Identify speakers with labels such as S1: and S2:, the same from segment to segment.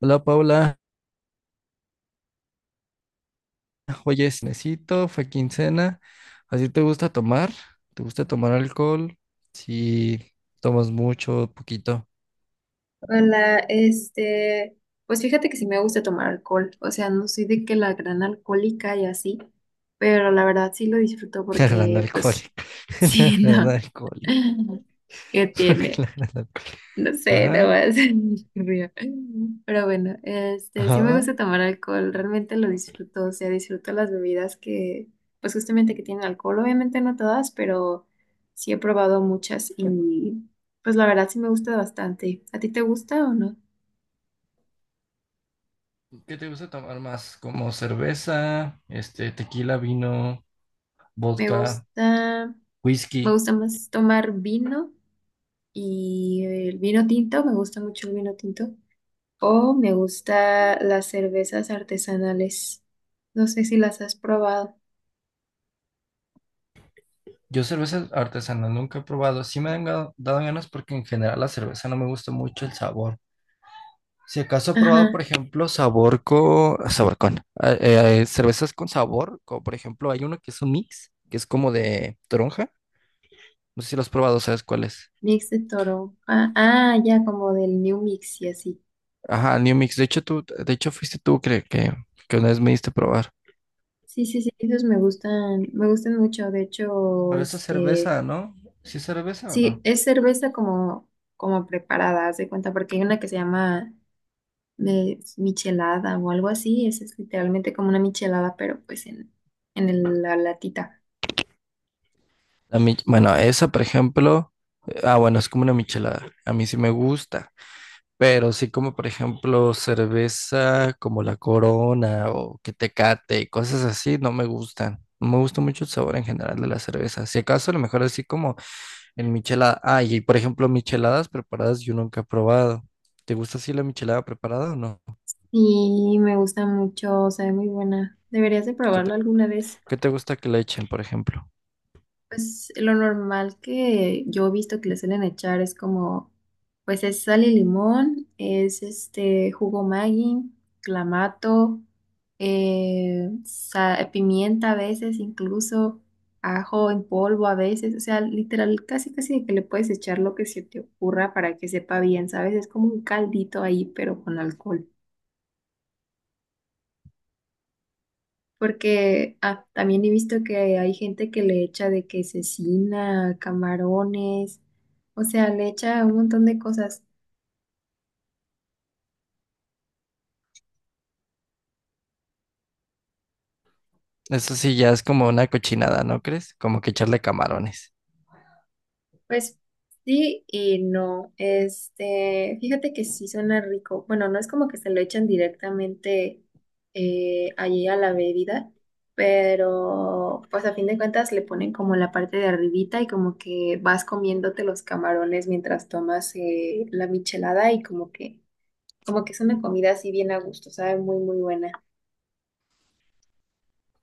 S1: Hola Paula, oye, necesito, fue quincena, ¿así te gusta tomar? ¿Te gusta tomar alcohol? Si tomas mucho, poquito,
S2: Hola, pues fíjate que sí me gusta tomar alcohol. O sea, no soy de que la gran alcohólica y así, pero la verdad sí lo disfruto
S1: la gran
S2: porque, pues,
S1: alcohólica, la
S2: sí,
S1: gran
S2: no,
S1: alcohólica,
S2: ¿qué
S1: porque
S2: tiene?
S1: la gran alcohólica.
S2: No sé, no
S1: Ajá,
S2: más, río. Pero bueno, sí me
S1: ajá.
S2: gusta tomar alcohol, realmente lo disfruto. O sea, disfruto pues justamente que tienen alcohol, obviamente no todas, pero sí he probado muchas, y pues la verdad sí me gusta bastante. ¿A ti te gusta o no?
S1: ¿Qué te gusta tomar más? Como cerveza, este, tequila, vino,
S2: Me
S1: vodka,
S2: gusta, me
S1: whisky.
S2: gusta más tomar vino, y el vino tinto, me gusta mucho el vino tinto. O me gusta las cervezas artesanales. No sé si las has probado.
S1: Yo cerveza artesanal nunca he probado, sí me han dado ganas porque en general la cerveza no me gusta mucho el sabor. Si acaso he probado, por
S2: Ajá,
S1: ejemplo, cervezas con sabor, como por ejemplo, hay uno que es un mix, que es como de toronja. No sé si lo has probado, ¿sabes cuál es?
S2: mix de toro. Ah, ah, ya como del New Mix y así.
S1: Ajá, New Mix. De hecho, fuiste tú que una vez me diste a probar.
S2: Sí, sí, sí, esos me gustan mucho. De hecho,
S1: Pero esa es cerveza, ¿no? ¿Sí es cerveza o
S2: sí,
S1: no?
S2: es cerveza como, como preparada, haz de cuenta, porque hay una que se llama de michelada o algo así. Esa es literalmente como una michelada, pero pues en, la latita.
S1: Bueno, esa, por ejemplo. Ah, bueno, es como una michelada. A mí sí me gusta. Pero sí como por ejemplo cerveza como la Corona o que Tecate y cosas así no me gustan. No me gusta mucho el sabor en general de la cerveza. Si acaso a lo mejor así como en michelada. Ah, y por ejemplo micheladas preparadas yo nunca he probado. ¿Te gusta así la michelada preparada o no?
S2: Y me gusta mucho, sabe muy buena. Deberías de
S1: ¿Qué
S2: probarlo
S1: te-
S2: alguna vez.
S1: ¿Qué te gusta que le echen, por ejemplo?
S2: Pues lo normal que yo he visto que le suelen echar es como, pues es sal y limón, es este jugo Maggi, clamato, pimienta a veces incluso, ajo en polvo a veces. O sea, literal, casi casi que le puedes echar lo que se te ocurra para que sepa bien, ¿sabes? Es como un caldito ahí, pero con alcohol. Porque ah, también he visto que hay gente que le echa de que cecina, camarones. O sea, le echa un montón de cosas.
S1: Eso sí ya es como una cochinada, ¿no crees? Como que echarle camarones.
S2: Pues sí y no. Fíjate que sí suena rico. Bueno, no es como que se lo echan directamente allí a la bebida, pero pues a fin de cuentas le ponen como la parte de arribita y como que vas comiéndote los camarones mientras tomas la michelada, y como que es una comida así bien a gusto, sabe muy, muy buena.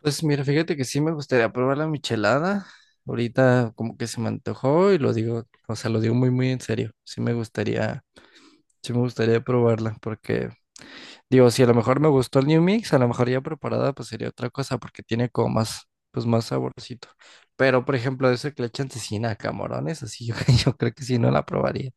S1: Pues mira, fíjate que sí me gustaría probar la michelada. Ahorita como que se me antojó y lo digo, o sea, lo digo muy, muy en serio. Sí me gustaría probarla porque digo, si a lo mejor me gustó el New Mix, a lo mejor ya preparada, pues sería otra cosa, porque tiene como más, pues más saborcito. Pero, por ejemplo, eso que le echan cecina a camarones, así yo, yo creo que sí no la probaría.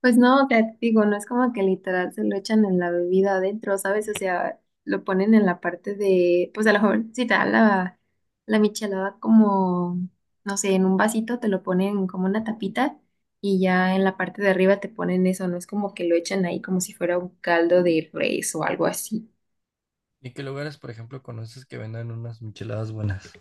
S2: Pues no, te digo, no es como que literal se lo echan en la bebida adentro, ¿sabes? O sea, lo ponen en la parte de, pues a lo mejor si te da la michelada como, no sé, en un vasito te lo ponen como una tapita, y ya en la parte de arriba te ponen eso, no es como que lo echan ahí como si fuera un caldo de res o algo así.
S1: ¿Y qué lugares, por ejemplo, conoces que vendan unas micheladas buenas?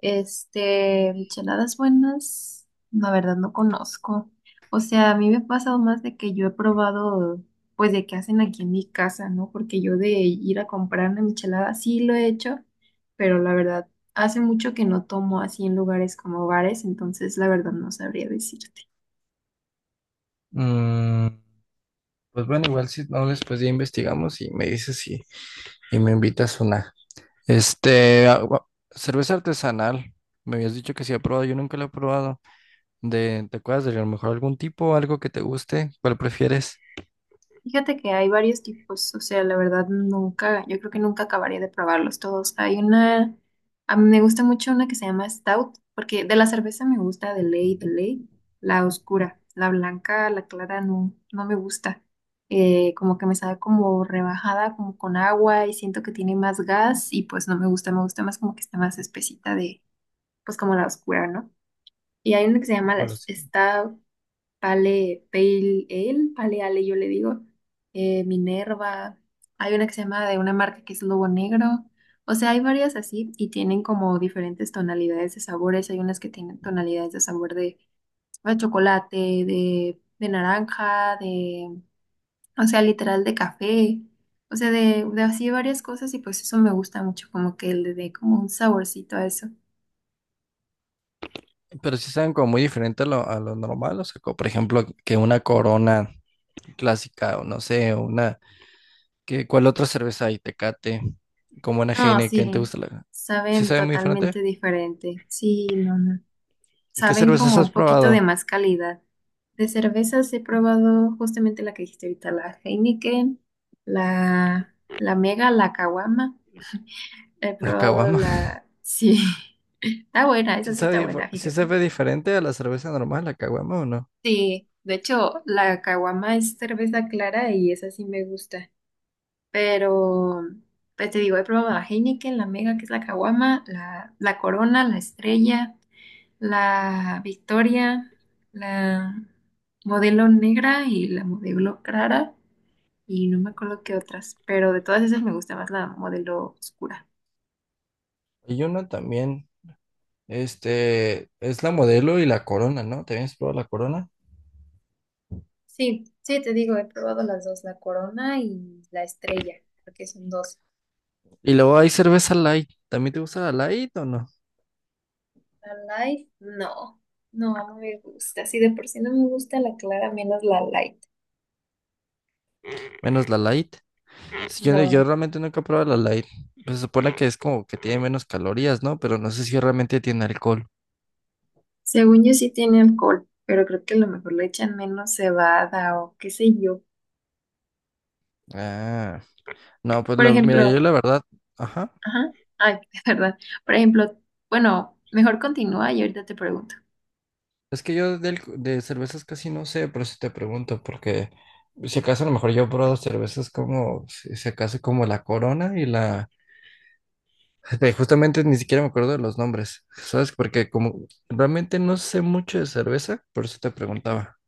S2: Micheladas buenas, la verdad no conozco. O sea, a mí me ha pasado más de que yo he probado, pues de que hacen aquí en mi casa, ¿no? Porque yo de ir a comprar una michelada sí lo he hecho, pero la verdad hace mucho que no tomo así en lugares como bares, entonces la verdad no sabría decirte.
S1: Mm, pues bueno, igual si no, después ya investigamos y me dices si y me invitas una. Este, cerveza artesanal. Me habías dicho que sí he probado, yo nunca la he probado. ¿Te acuerdas de a lo mejor algún tipo, algo que te guste? ¿Cuál prefieres?
S2: Fíjate que hay varios tipos. O sea, la verdad nunca, yo creo que nunca acabaría de probarlos todos. Hay una, a mí me gusta mucho una que se llama Stout, porque de la cerveza me gusta de ley, la oscura, la blanca, la clara no, no me gusta. Como que me sabe como rebajada, como con agua, y siento que tiene más gas y pues no me gusta, me gusta más como que está más espesita de, pues como la oscura, ¿no? Y hay una que se llama la Stout Pale, Pale Ale, Pale Ale yo le digo, Minerva, hay una que se llama de una marca que es Lobo Negro. O sea, hay varias así y tienen como diferentes tonalidades de sabores, hay unas que tienen tonalidades de sabor de chocolate, de naranja, de, o sea, literal de café. O sea, de así varias cosas, y pues eso me gusta mucho, como que le dé como un saborcito a eso.
S1: Pero sí saben como muy diferente a lo, normal, o sea, como por ejemplo, que una Corona clásica, o no sé, una, qué ¿cuál otra cerveza hay? Tecate, como una
S2: No,
S1: Heineken, ¿te
S2: sí,
S1: gusta la? ¿Sí
S2: saben
S1: sabe muy diferente?
S2: totalmente diferente, sí, no, no.
S1: ¿Y qué
S2: Saben
S1: cervezas
S2: como
S1: has
S2: un poquito
S1: probado?
S2: de más calidad. De cervezas he probado justamente la que dijiste ahorita, la Heineken, la Mega, la Caguama. He
S1: La
S2: probado
S1: caguama.
S2: la... Sí, está buena, esa
S1: ¿Sí
S2: sí está
S1: sabe, dif-
S2: buena,
S1: sí
S2: fíjate.
S1: sabe diferente a la cerveza normal, la caguama o no?
S2: Sí, de hecho, la Caguama es cerveza clara y esa sí me gusta. Pero, pues te digo, he probado la Heineken, la Mega, que es la Caguama, la Corona, la Estrella, la Victoria, la modelo negra y la modelo clara, y no me acuerdo qué otras, pero de todas esas me gusta más la modelo oscura.
S1: Y una también, este, es la modelo y la Corona, ¿no? ¿También has probado la Corona?
S2: Sí, sí, te digo, he probado las dos, la corona y la estrella, porque son dos.
S1: Y luego hay cerveza light, ¿también te gusta la light o no?
S2: La light, no, no, no me gusta. Si de por sí no me gusta la clara, menos la light.
S1: Menos la light. Sí, yo, no, yo
S2: No.
S1: realmente nunca he probado la light. Pues se supone que es como que tiene menos calorías, ¿no? Pero no sé si realmente tiene alcohol.
S2: Según yo sí tiene alcohol, pero creo que a lo mejor le echan menos cebada o qué sé yo.
S1: Ah, no, pues
S2: Por
S1: mira, yo
S2: ejemplo,
S1: la verdad, ajá.
S2: ajá. Ay, es verdad. Por ejemplo, bueno, mejor continúa y ahorita te pregunto.
S1: Es que yo de cervezas casi no sé, por eso te pregunto, porque si acaso a lo mejor yo he probado cervezas como, si acaso como la Corona y la. Justamente ni siquiera me acuerdo de los nombres, ¿sabes? Porque como realmente no sé mucho de cerveza, por eso te preguntaba.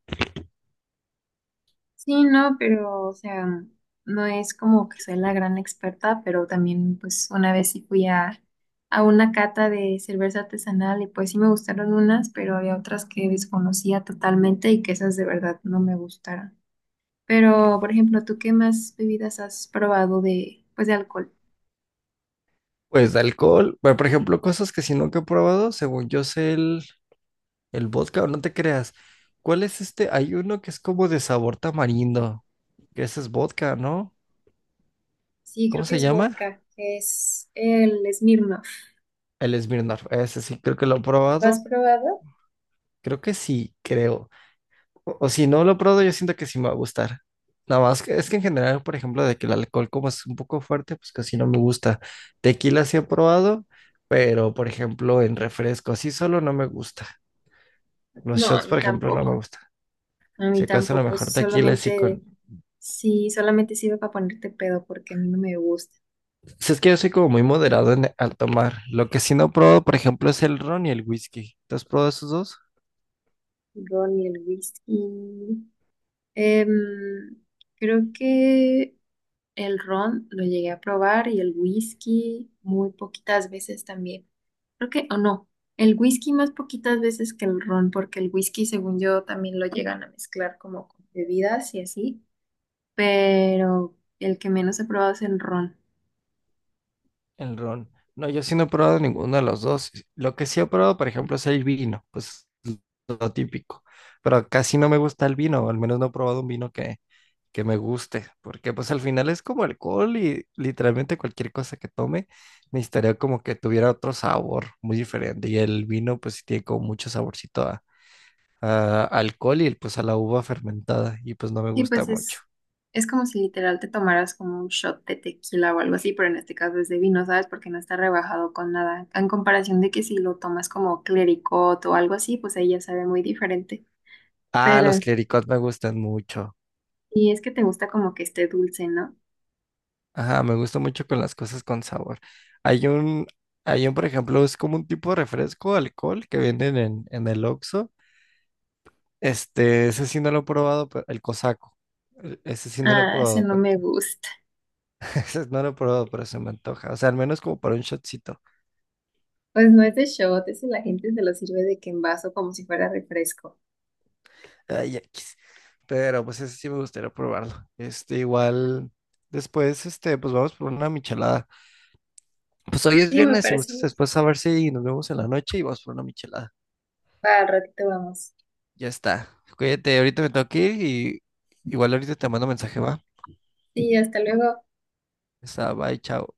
S2: Sí, no, pero, o sea, no es como que soy la gran experta, pero también, pues, una vez sí fui a una cata de cerveza artesanal y pues sí me gustaron unas, pero había otras que desconocía totalmente y que esas de verdad no me gustaron. Pero, por ejemplo, ¿tú qué más bebidas has probado de, pues, de alcohol?
S1: Pues de alcohol, bueno, por ejemplo, cosas que si nunca he probado, según yo sé el vodka, no te creas. ¿Cuál es este? Hay uno que es como de sabor tamarindo. Que ese es vodka, ¿no?
S2: Sí, creo
S1: ¿Cómo
S2: que
S1: se
S2: es
S1: llama?
S2: vodka, es el Smirnoff.
S1: El Smirnoff. Ese sí, creo que lo he
S2: ¿Lo has
S1: probado.
S2: probado?
S1: Creo que sí, creo. O si no lo he probado, yo siento que sí me va a gustar. Nada más que es que en general, por ejemplo, de que el alcohol como es un poco fuerte, pues casi no me gusta. Tequila sí he probado, pero por ejemplo en refresco, así solo no me gusta. Los
S2: No, a
S1: shots,
S2: mí
S1: por ejemplo, no
S2: tampoco.
S1: me gusta.
S2: A
S1: Si
S2: mí
S1: acaso a lo
S2: tampoco, eso
S1: mejor tequila sí
S2: solamente,
S1: con,
S2: sí, solamente sirve para ponerte pedo porque a mí no me gusta
S1: si es que yo soy como muy moderado al tomar. Lo que sí no pruebo, por ejemplo, es el ron y el whisky. ¿Tú has probado esos dos?
S2: el ron ni el whisky. Em, creo que el ron lo llegué a probar, y el whisky muy poquitas veces también. Creo que, o no, el whisky más poquitas veces que el ron, porque el whisky según yo también lo llegan a mezclar como con bebidas y así, pero el que menos he probado es el ron.
S1: El ron. No, yo sí no he probado ninguno de los dos. Lo que sí he probado, por ejemplo, es el vino, pues lo típico. Pero casi no me gusta el vino, o al menos no he probado un vino que me guste, porque pues al final es como alcohol y literalmente cualquier cosa que tome necesitaría como que tuviera otro sabor muy diferente. Y el vino pues sí tiene como mucho saborcito a alcohol y pues a la uva fermentada y pues no me
S2: Sí,
S1: gusta
S2: pues
S1: mucho.
S2: es como si literal te tomaras como un shot de tequila o algo así, pero en este caso es de vino, ¿sabes? Porque no está rebajado con nada. En comparación de que si lo tomas como clericot o algo así, pues ahí ya sabe muy diferente.
S1: Ah, los
S2: Pero
S1: clericots me gustan mucho.
S2: y es que te gusta como que esté dulce, ¿no?
S1: Ajá, me gusta mucho con las cosas con sabor. Hay un, hay un, por ejemplo, es como un tipo de refresco, alcohol que venden en, el Oxxo. Este, ese sí no lo he probado, pero el cosaco. Ese sí no lo he
S2: Ah, ese
S1: probado,
S2: no
S1: pero
S2: me gusta.
S1: ese no lo he probado, pero se me antoja. O sea, al menos como para un shotcito.
S2: Pues no es de shot, ese la gente se lo sirve de que en vaso como si fuera refresco.
S1: Ay, X. Pero pues ese sí me gustaría probarlo. Este, igual, después, este, pues vamos por una michelada. Pues hoy es
S2: Sí, me
S1: viernes y
S2: parece.
S1: gustas
S2: Muy-
S1: después a saber si nos vemos en la noche y vamos por una michelada.
S2: Va, al ratito vamos.
S1: Ya está. Cuídate, ahorita me tengo que ir y igual ahorita te mando mensaje, va.
S2: Sí, hasta luego.
S1: Ya está, bye, chao.